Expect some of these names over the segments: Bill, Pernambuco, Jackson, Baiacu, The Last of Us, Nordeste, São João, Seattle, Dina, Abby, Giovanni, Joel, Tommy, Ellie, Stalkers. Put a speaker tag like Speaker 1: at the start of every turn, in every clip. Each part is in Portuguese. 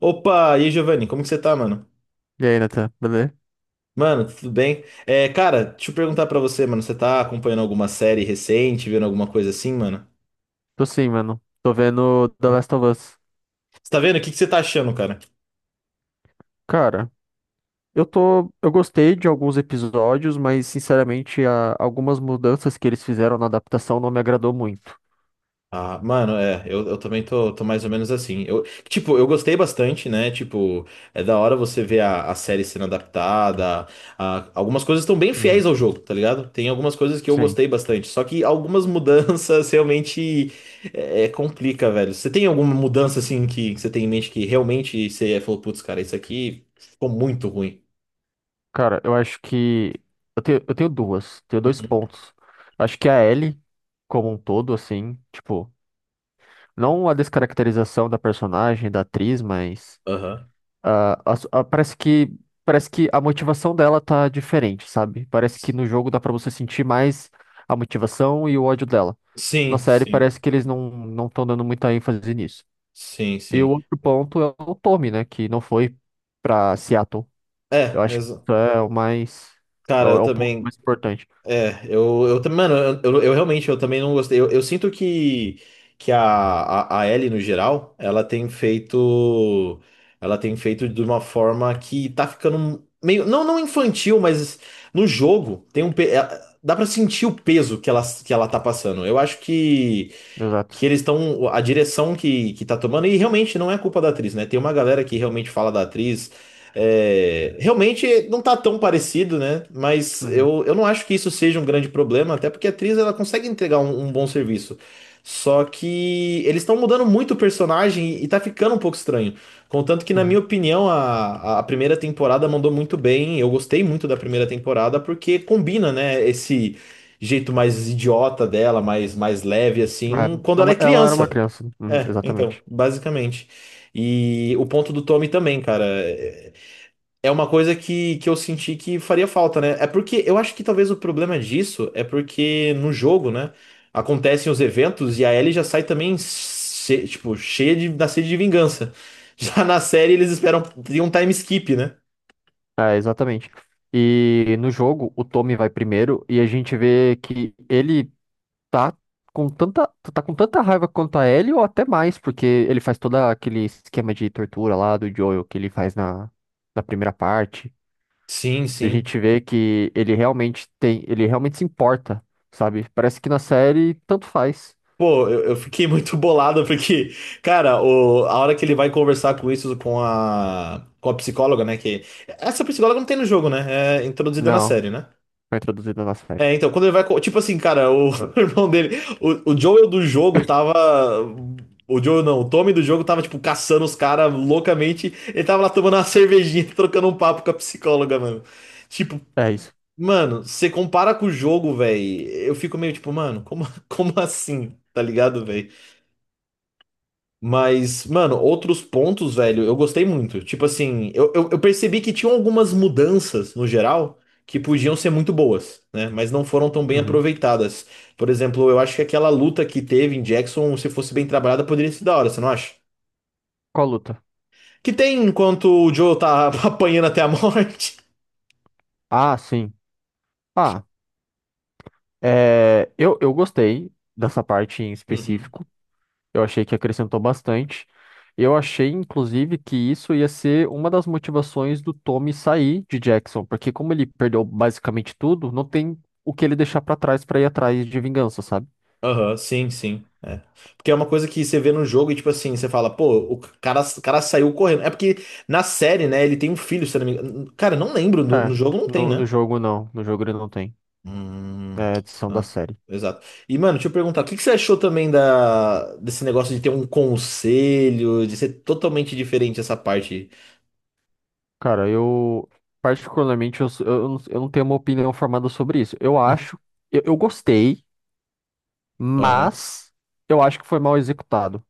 Speaker 1: Opa, e aí, Giovanni, como que você tá, mano?
Speaker 2: E aí, Nathan, beleza?
Speaker 1: Mano, tudo bem? Cara, deixa eu perguntar pra você, mano, você tá acompanhando alguma série recente, vendo alguma coisa assim, mano?
Speaker 2: Tô sim, mano. Tô vendo The Last of Us.
Speaker 1: Você tá vendo? O que que você tá achando, cara?
Speaker 2: Cara, eu tô. Eu gostei de alguns episódios, mas sinceramente, algumas mudanças que eles fizeram na adaptação não me agradou muito.
Speaker 1: Ah, mano, eu também tô, tô mais ou menos assim. Tipo, eu gostei bastante, né? Tipo, é da hora você ver a série sendo adaptada. Algumas coisas estão bem fiéis
Speaker 2: Uhum.
Speaker 1: ao jogo, tá ligado? Tem algumas coisas que eu
Speaker 2: Sim.
Speaker 1: gostei bastante. Só que algumas mudanças realmente complica, velho. Você tem alguma mudança, assim, que você tem em mente que realmente você falou, putz, cara, isso aqui ficou muito ruim.
Speaker 2: Cara, eu acho que. Eu tenho duas. Tenho dois pontos. Acho que a Ellie, como um todo, assim, tipo, não a descaracterização da personagem, da atriz, mas.
Speaker 1: Aham.
Speaker 2: Ah, a su- ah, parece que parece que a motivação dela tá diferente, sabe? Parece que no jogo dá pra você sentir mais a motivação e o ódio dela. Na
Speaker 1: Sim,
Speaker 2: série
Speaker 1: sim.
Speaker 2: parece que eles não estão dando muita ênfase nisso.
Speaker 1: Sim,
Speaker 2: E o
Speaker 1: sim.
Speaker 2: outro ponto é o Tommy, né, que não foi pra Seattle. Eu
Speaker 1: É,
Speaker 2: acho que
Speaker 1: mas,
Speaker 2: isso é o mais
Speaker 1: cara,
Speaker 2: é
Speaker 1: eu
Speaker 2: o ponto
Speaker 1: também.
Speaker 2: mais importante.
Speaker 1: É, mano, eu realmente, eu também não gostei. Eu sinto que a Ellie, no geral, ela tem feito de uma forma que tá ficando meio, não, não infantil, mas no jogo tem um, dá pra sentir o peso que ela tá passando. Eu acho
Speaker 2: Exato.
Speaker 1: que eles estão. A direção que tá tomando, e realmente não é culpa da atriz, né? Tem uma galera que realmente fala da atriz. É, realmente não tá tão parecido, né? Mas
Speaker 2: Uhum,
Speaker 1: eu não acho que isso seja um grande problema, até porque a atriz ela consegue entregar um bom serviço. Só que eles estão mudando muito o personagem e tá ficando um pouco estranho. Contanto que, na minha
Speaker 2: uhum.
Speaker 1: opinião, a primeira temporada mandou muito bem. Eu gostei muito da primeira temporada porque combina, né, esse jeito mais idiota dela, mais, mais leve,
Speaker 2: É,
Speaker 1: assim, quando
Speaker 2: é
Speaker 1: ela
Speaker 2: uma-
Speaker 1: é
Speaker 2: ela era uma
Speaker 1: criança.
Speaker 2: criança. Uhum,
Speaker 1: É, então,
Speaker 2: exatamente.
Speaker 1: basicamente. E o ponto do Tommy também, cara, é é uma coisa que eu senti que faria falta, né? É porque eu acho que talvez o problema disso é porque no jogo, né, acontecem os eventos e a Ellie já sai também, tipo, cheia de, da sede de vingança. Já na série eles esperam, tem um time skip, né?
Speaker 2: É, exatamente. E no jogo, o Tommy vai primeiro e a gente vê que ele tá com tanta, tu tá com tanta raiva quanto a Ellie ou até mais, porque ele faz todo aquele esquema de tortura lá do Joel que ele faz na, na primeira parte.
Speaker 1: Sim,
Speaker 2: A
Speaker 1: sim.
Speaker 2: gente vê que ele realmente tem, ele realmente se importa, sabe? Parece que na série tanto faz.
Speaker 1: Pô, eu fiquei muito bolado porque, cara, a hora que ele vai conversar com isso com a psicóloga, né? Que essa psicóloga não tem no jogo, né? É introduzida na
Speaker 2: Não,
Speaker 1: série, né?
Speaker 2: foi introduzido na série.
Speaker 1: É, então, quando ele vai. Tipo assim, cara, o irmão dele. O Joel do jogo tava. O Joel não, o Tommy do jogo tava, tipo, caçando os caras loucamente. Ele tava lá tomando uma cervejinha, trocando um papo com a psicóloga, mano. Tipo,
Speaker 2: É isso.
Speaker 1: mano, você compara com o jogo, velho. Eu fico meio tipo, mano, como, como assim? Tá ligado, velho? Mas, mano, outros pontos, velho, eu gostei muito. Tipo assim, eu percebi que tinham algumas mudanças no geral que podiam ser muito boas, né? Mas não foram tão bem
Speaker 2: Uhum.
Speaker 1: aproveitadas. Por exemplo, eu acho que aquela luta que teve em Jackson, se fosse bem trabalhada, poderia ser da hora, você não acha?
Speaker 2: Qual luta?
Speaker 1: Que tem enquanto o Joe tá apanhando até a morte.
Speaker 2: Ah, sim. Ah, é, eu gostei dessa parte em
Speaker 1: Uhum.
Speaker 2: específico. Eu achei que acrescentou bastante. Eu achei, inclusive, que isso ia ser uma das motivações do Tommy sair de Jackson, porque como ele perdeu basicamente tudo, não tem o que ele deixar pra trás pra ir atrás de vingança, sabe?
Speaker 1: Aham, sim, sim. É. Porque é uma coisa que você vê no jogo e, tipo assim, você fala, pô, o cara saiu correndo. É porque na série, né, ele tem um filho, se eu não me engano. Cara, não lembro, no
Speaker 2: É,
Speaker 1: jogo não tem,
Speaker 2: no, no
Speaker 1: né?
Speaker 2: jogo não, no jogo ele não tem. É
Speaker 1: Hum,
Speaker 2: a edição da
Speaker 1: ah,
Speaker 2: série.
Speaker 1: exato. E, mano, deixa eu perguntar, o que que você achou também da, desse negócio de ter um conselho, de ser totalmente diferente essa parte?
Speaker 2: Cara, eu particularmente eu, s- eu não tenho uma opinião formada sobre isso.
Speaker 1: Uhum.
Speaker 2: Eu gostei,
Speaker 1: Aham,
Speaker 2: mas eu acho que foi mal executado,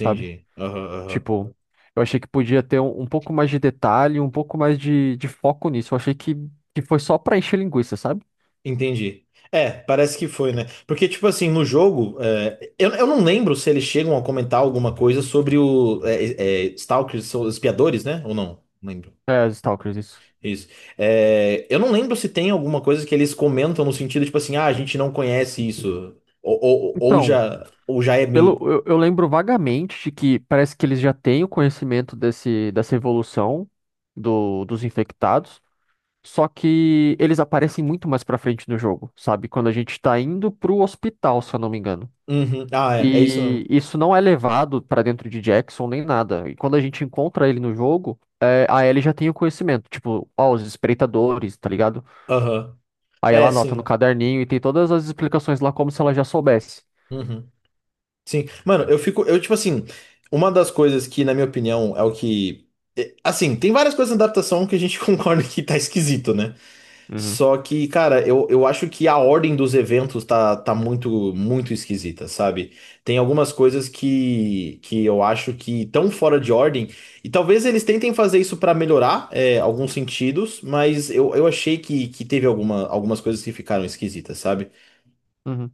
Speaker 2: sabe?
Speaker 1: Aham, aham.
Speaker 2: Tipo, eu achei que podia ter um, um pouco mais de detalhe, um pouco mais de foco nisso. Eu achei que foi só pra encher linguiça, sabe?
Speaker 1: Entendi. É, parece que foi, né? Porque, tipo assim, no jogo, eu não lembro se eles chegam a comentar alguma coisa sobre Stalkers, são os espiadores, né? Ou não? Não lembro.
Speaker 2: É, os Stalkers, isso.
Speaker 1: Isso. É, eu não lembro se tem alguma coisa que eles comentam no sentido, tipo assim, ah, a gente não conhece isso.
Speaker 2: Então,
Speaker 1: Ou já é meio.
Speaker 2: eu lembro vagamente de que parece que eles já têm o conhecimento desse, dessa evolução do, dos infectados, só que eles aparecem muito mais pra frente no jogo, sabe? Quando a gente tá indo pro hospital, se eu não me engano.
Speaker 1: Uhum. Ah, é, é isso
Speaker 2: E
Speaker 1: mesmo.
Speaker 2: isso não é levado pra dentro de Jackson nem nada. E quando a gente encontra ele no jogo, é, a Ellie já tem o conhecimento, tipo, ó, os espreitadores, tá ligado?
Speaker 1: Aham.
Speaker 2: Aí ela
Speaker 1: É,
Speaker 2: anota no
Speaker 1: sim.
Speaker 2: caderninho e tem todas as explicações lá como se ela já soubesse.
Speaker 1: Uhum. Sim, mano, eu tipo assim, uma das coisas que, na minha opinião, é o que. É, assim, tem várias coisas na adaptação que a gente concorda que tá esquisito, né?
Speaker 2: Uhum,
Speaker 1: Só que, cara, eu acho que a ordem dos eventos tá muito, muito esquisita, sabe? Tem algumas coisas que eu acho que estão fora de ordem, e talvez eles tentem fazer isso pra melhorar, é, alguns sentidos, mas eu achei que teve alguma, algumas coisas que ficaram esquisitas, sabe?
Speaker 2: uhum.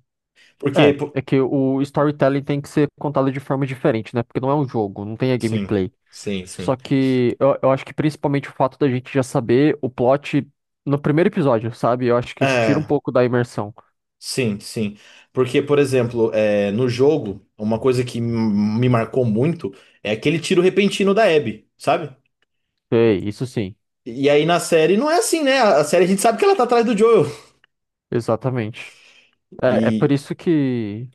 Speaker 1: Porque.
Speaker 2: É, é que o storytelling tem que ser contado de forma diferente, né? Porque não é um jogo, não tem a
Speaker 1: Sim,
Speaker 2: gameplay.
Speaker 1: sim, sim.
Speaker 2: Só que eu acho que principalmente o fato da gente já saber o plot no primeiro episódio, sabe? Eu acho que isso tira um
Speaker 1: É.
Speaker 2: pouco da imersão.
Speaker 1: Sim, sim. Porque, por exemplo, é, no jogo, uma coisa que me marcou muito é aquele tiro repentino da Abby, sabe? E,
Speaker 2: Sei, isso sim,
Speaker 1: e aí na série não é assim, né? A série a gente sabe que ela tá atrás do Joel.
Speaker 2: exatamente. É, é por
Speaker 1: E.
Speaker 2: isso que,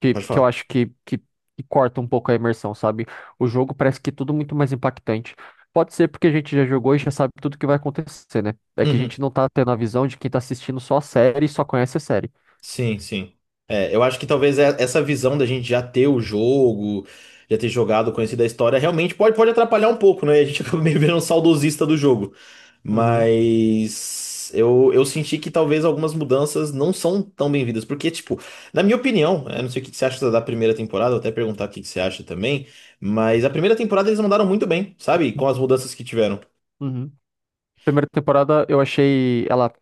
Speaker 2: que,
Speaker 1: Pode
Speaker 2: que eu
Speaker 1: falar.
Speaker 2: acho que corta um pouco a imersão, sabe? O jogo parece que é tudo muito mais impactante. Pode ser porque a gente já jogou e já sabe tudo que vai acontecer, né? É que a
Speaker 1: Uhum.
Speaker 2: gente não tá tendo a visão de quem tá assistindo só a série e só conhece a série.
Speaker 1: Sim, sim. É, eu acho que talvez essa visão da gente já ter o jogo, já ter jogado, conhecido a história, realmente pode, pode atrapalhar um pouco, né? A gente acaba meio virando um saudosista do jogo.
Speaker 2: Uhum,
Speaker 1: Mas eu senti que talvez algumas mudanças não são tão bem-vindas. Porque, tipo, na minha opinião, eu não sei o que que você acha da primeira temporada, vou até perguntar o que que você acha também. Mas a primeira temporada eles mandaram muito bem, sabe? Com as mudanças que tiveram.
Speaker 2: uhum. Primeira temporada eu achei ela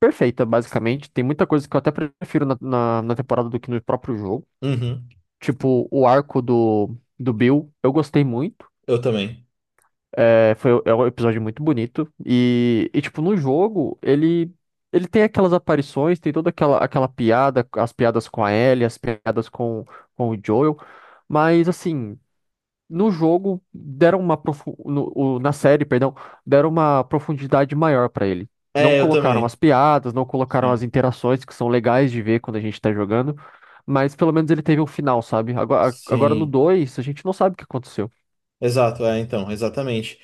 Speaker 2: perfeita, basicamente. Tem muita coisa que eu até prefiro na temporada do que no próprio jogo.
Speaker 1: Uhum,
Speaker 2: Tipo, o arco do Bill, eu gostei muito.
Speaker 1: eu também.
Speaker 2: É, foi, é um episódio muito bonito. E, tipo, no jogo, ele tem aquelas aparições, tem toda aquela, aquela piada, as piadas com a Ellie, as piadas com o Joel. Mas, assim, no jogo, deram uma profu- no, o- na série, perdão, deram uma profundidade maior pra ele. Não
Speaker 1: É, eu
Speaker 2: colocaram as
Speaker 1: também.
Speaker 2: piadas, não colocaram as
Speaker 1: Sim.
Speaker 2: interações, que são legais de ver quando a gente tá jogando. Mas pelo menos ele teve um final, sabe? Agora no
Speaker 1: Sim.
Speaker 2: 2 a gente não sabe o que aconteceu.
Speaker 1: Exato, é, então, exatamente.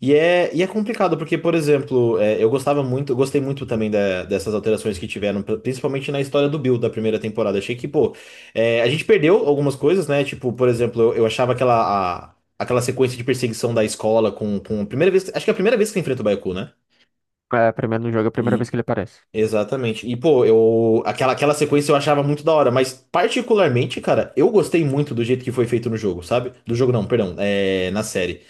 Speaker 1: E é complicado, porque, por exemplo, é, eu gostava muito, eu gostei muito também dessas alterações que tiveram, principalmente na história do Bill da primeira temporada. Achei que, pô, é, a gente perdeu algumas coisas, né? Tipo, por exemplo, eu achava aquela, aquela sequência de perseguição da escola com a primeira vez, acho que é a primeira vez que você enfrenta o Baiacu, né?
Speaker 2: É, primeiro no jogo, é a primeira
Speaker 1: E,
Speaker 2: vez que ele aparece.
Speaker 1: exatamente. E, pô, eu, aquela, aquela sequência eu achava muito da hora, mas particularmente, cara, eu gostei muito do jeito que foi feito no jogo, sabe? Do jogo não, perdão, é, na série.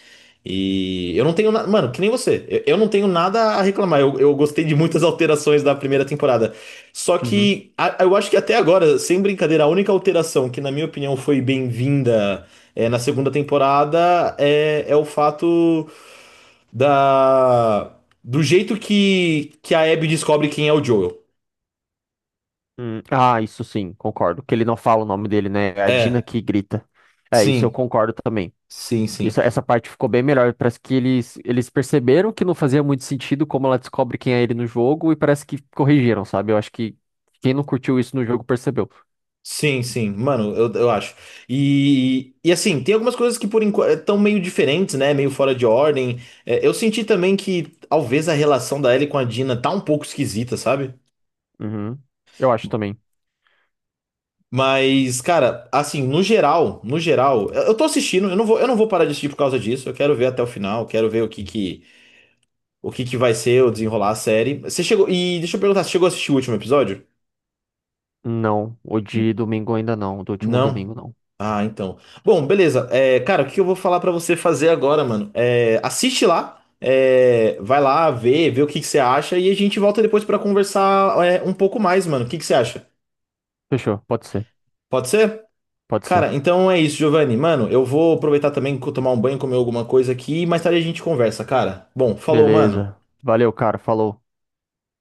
Speaker 1: E eu não tenho nada. Mano, que nem você. Eu não tenho nada a reclamar. Eu gostei de muitas alterações da primeira temporada. Só
Speaker 2: Uhum.
Speaker 1: que eu acho que até agora, sem brincadeira, a única alteração que, na minha opinião, foi bem-vinda é, na segunda temporada é o fato da. Do jeito que a Abby descobre quem é o Joel.
Speaker 2: Ah, isso sim, concordo. Que ele não fala o nome dele, né? É a Dina
Speaker 1: É,
Speaker 2: que grita. É, isso eu
Speaker 1: sim,
Speaker 2: concordo também.
Speaker 1: sim, sim.
Speaker 2: Isso, essa parte ficou bem melhor. Parece que eles perceberam que não fazia muito sentido como ela descobre quem é ele no jogo e parece que corrigiram, sabe? Eu acho que quem não curtiu isso no jogo percebeu.
Speaker 1: Sim, sim, mano, eu acho. E assim, tem algumas coisas que por enquanto estão meio diferentes, né? Meio fora de ordem. É, eu senti também que talvez a relação da Ellie com a Dina tá um pouco esquisita, sabe?
Speaker 2: Uhum. Eu acho também.
Speaker 1: Mas, cara, assim, no geral, no geral, eu tô assistindo, eu não vou parar de assistir por causa disso. Eu quero ver até o final, quero ver o que que vai ser, o desenrolar a série. E deixa eu perguntar, você chegou a assistir o último episódio?
Speaker 2: Não, o de
Speaker 1: N-
Speaker 2: domingo ainda não, do último
Speaker 1: Não?
Speaker 2: domingo não.
Speaker 1: Ah, então. Bom, beleza. É, cara, o que eu vou falar pra você fazer agora, mano? É, assiste lá, é, vai lá ver, vê o que que você acha e a gente volta depois pra conversar, é, um pouco mais, mano. O que que você acha?
Speaker 2: Fechou, pode ser,
Speaker 1: Pode ser?
Speaker 2: pode ser.
Speaker 1: Cara, então é isso, Giovanni. Mano, eu vou aproveitar também, tomar um banho, comer alguma coisa aqui e mais tarde a gente conversa, cara. Bom, falou, mano.
Speaker 2: Beleza. Valeu, cara, falou.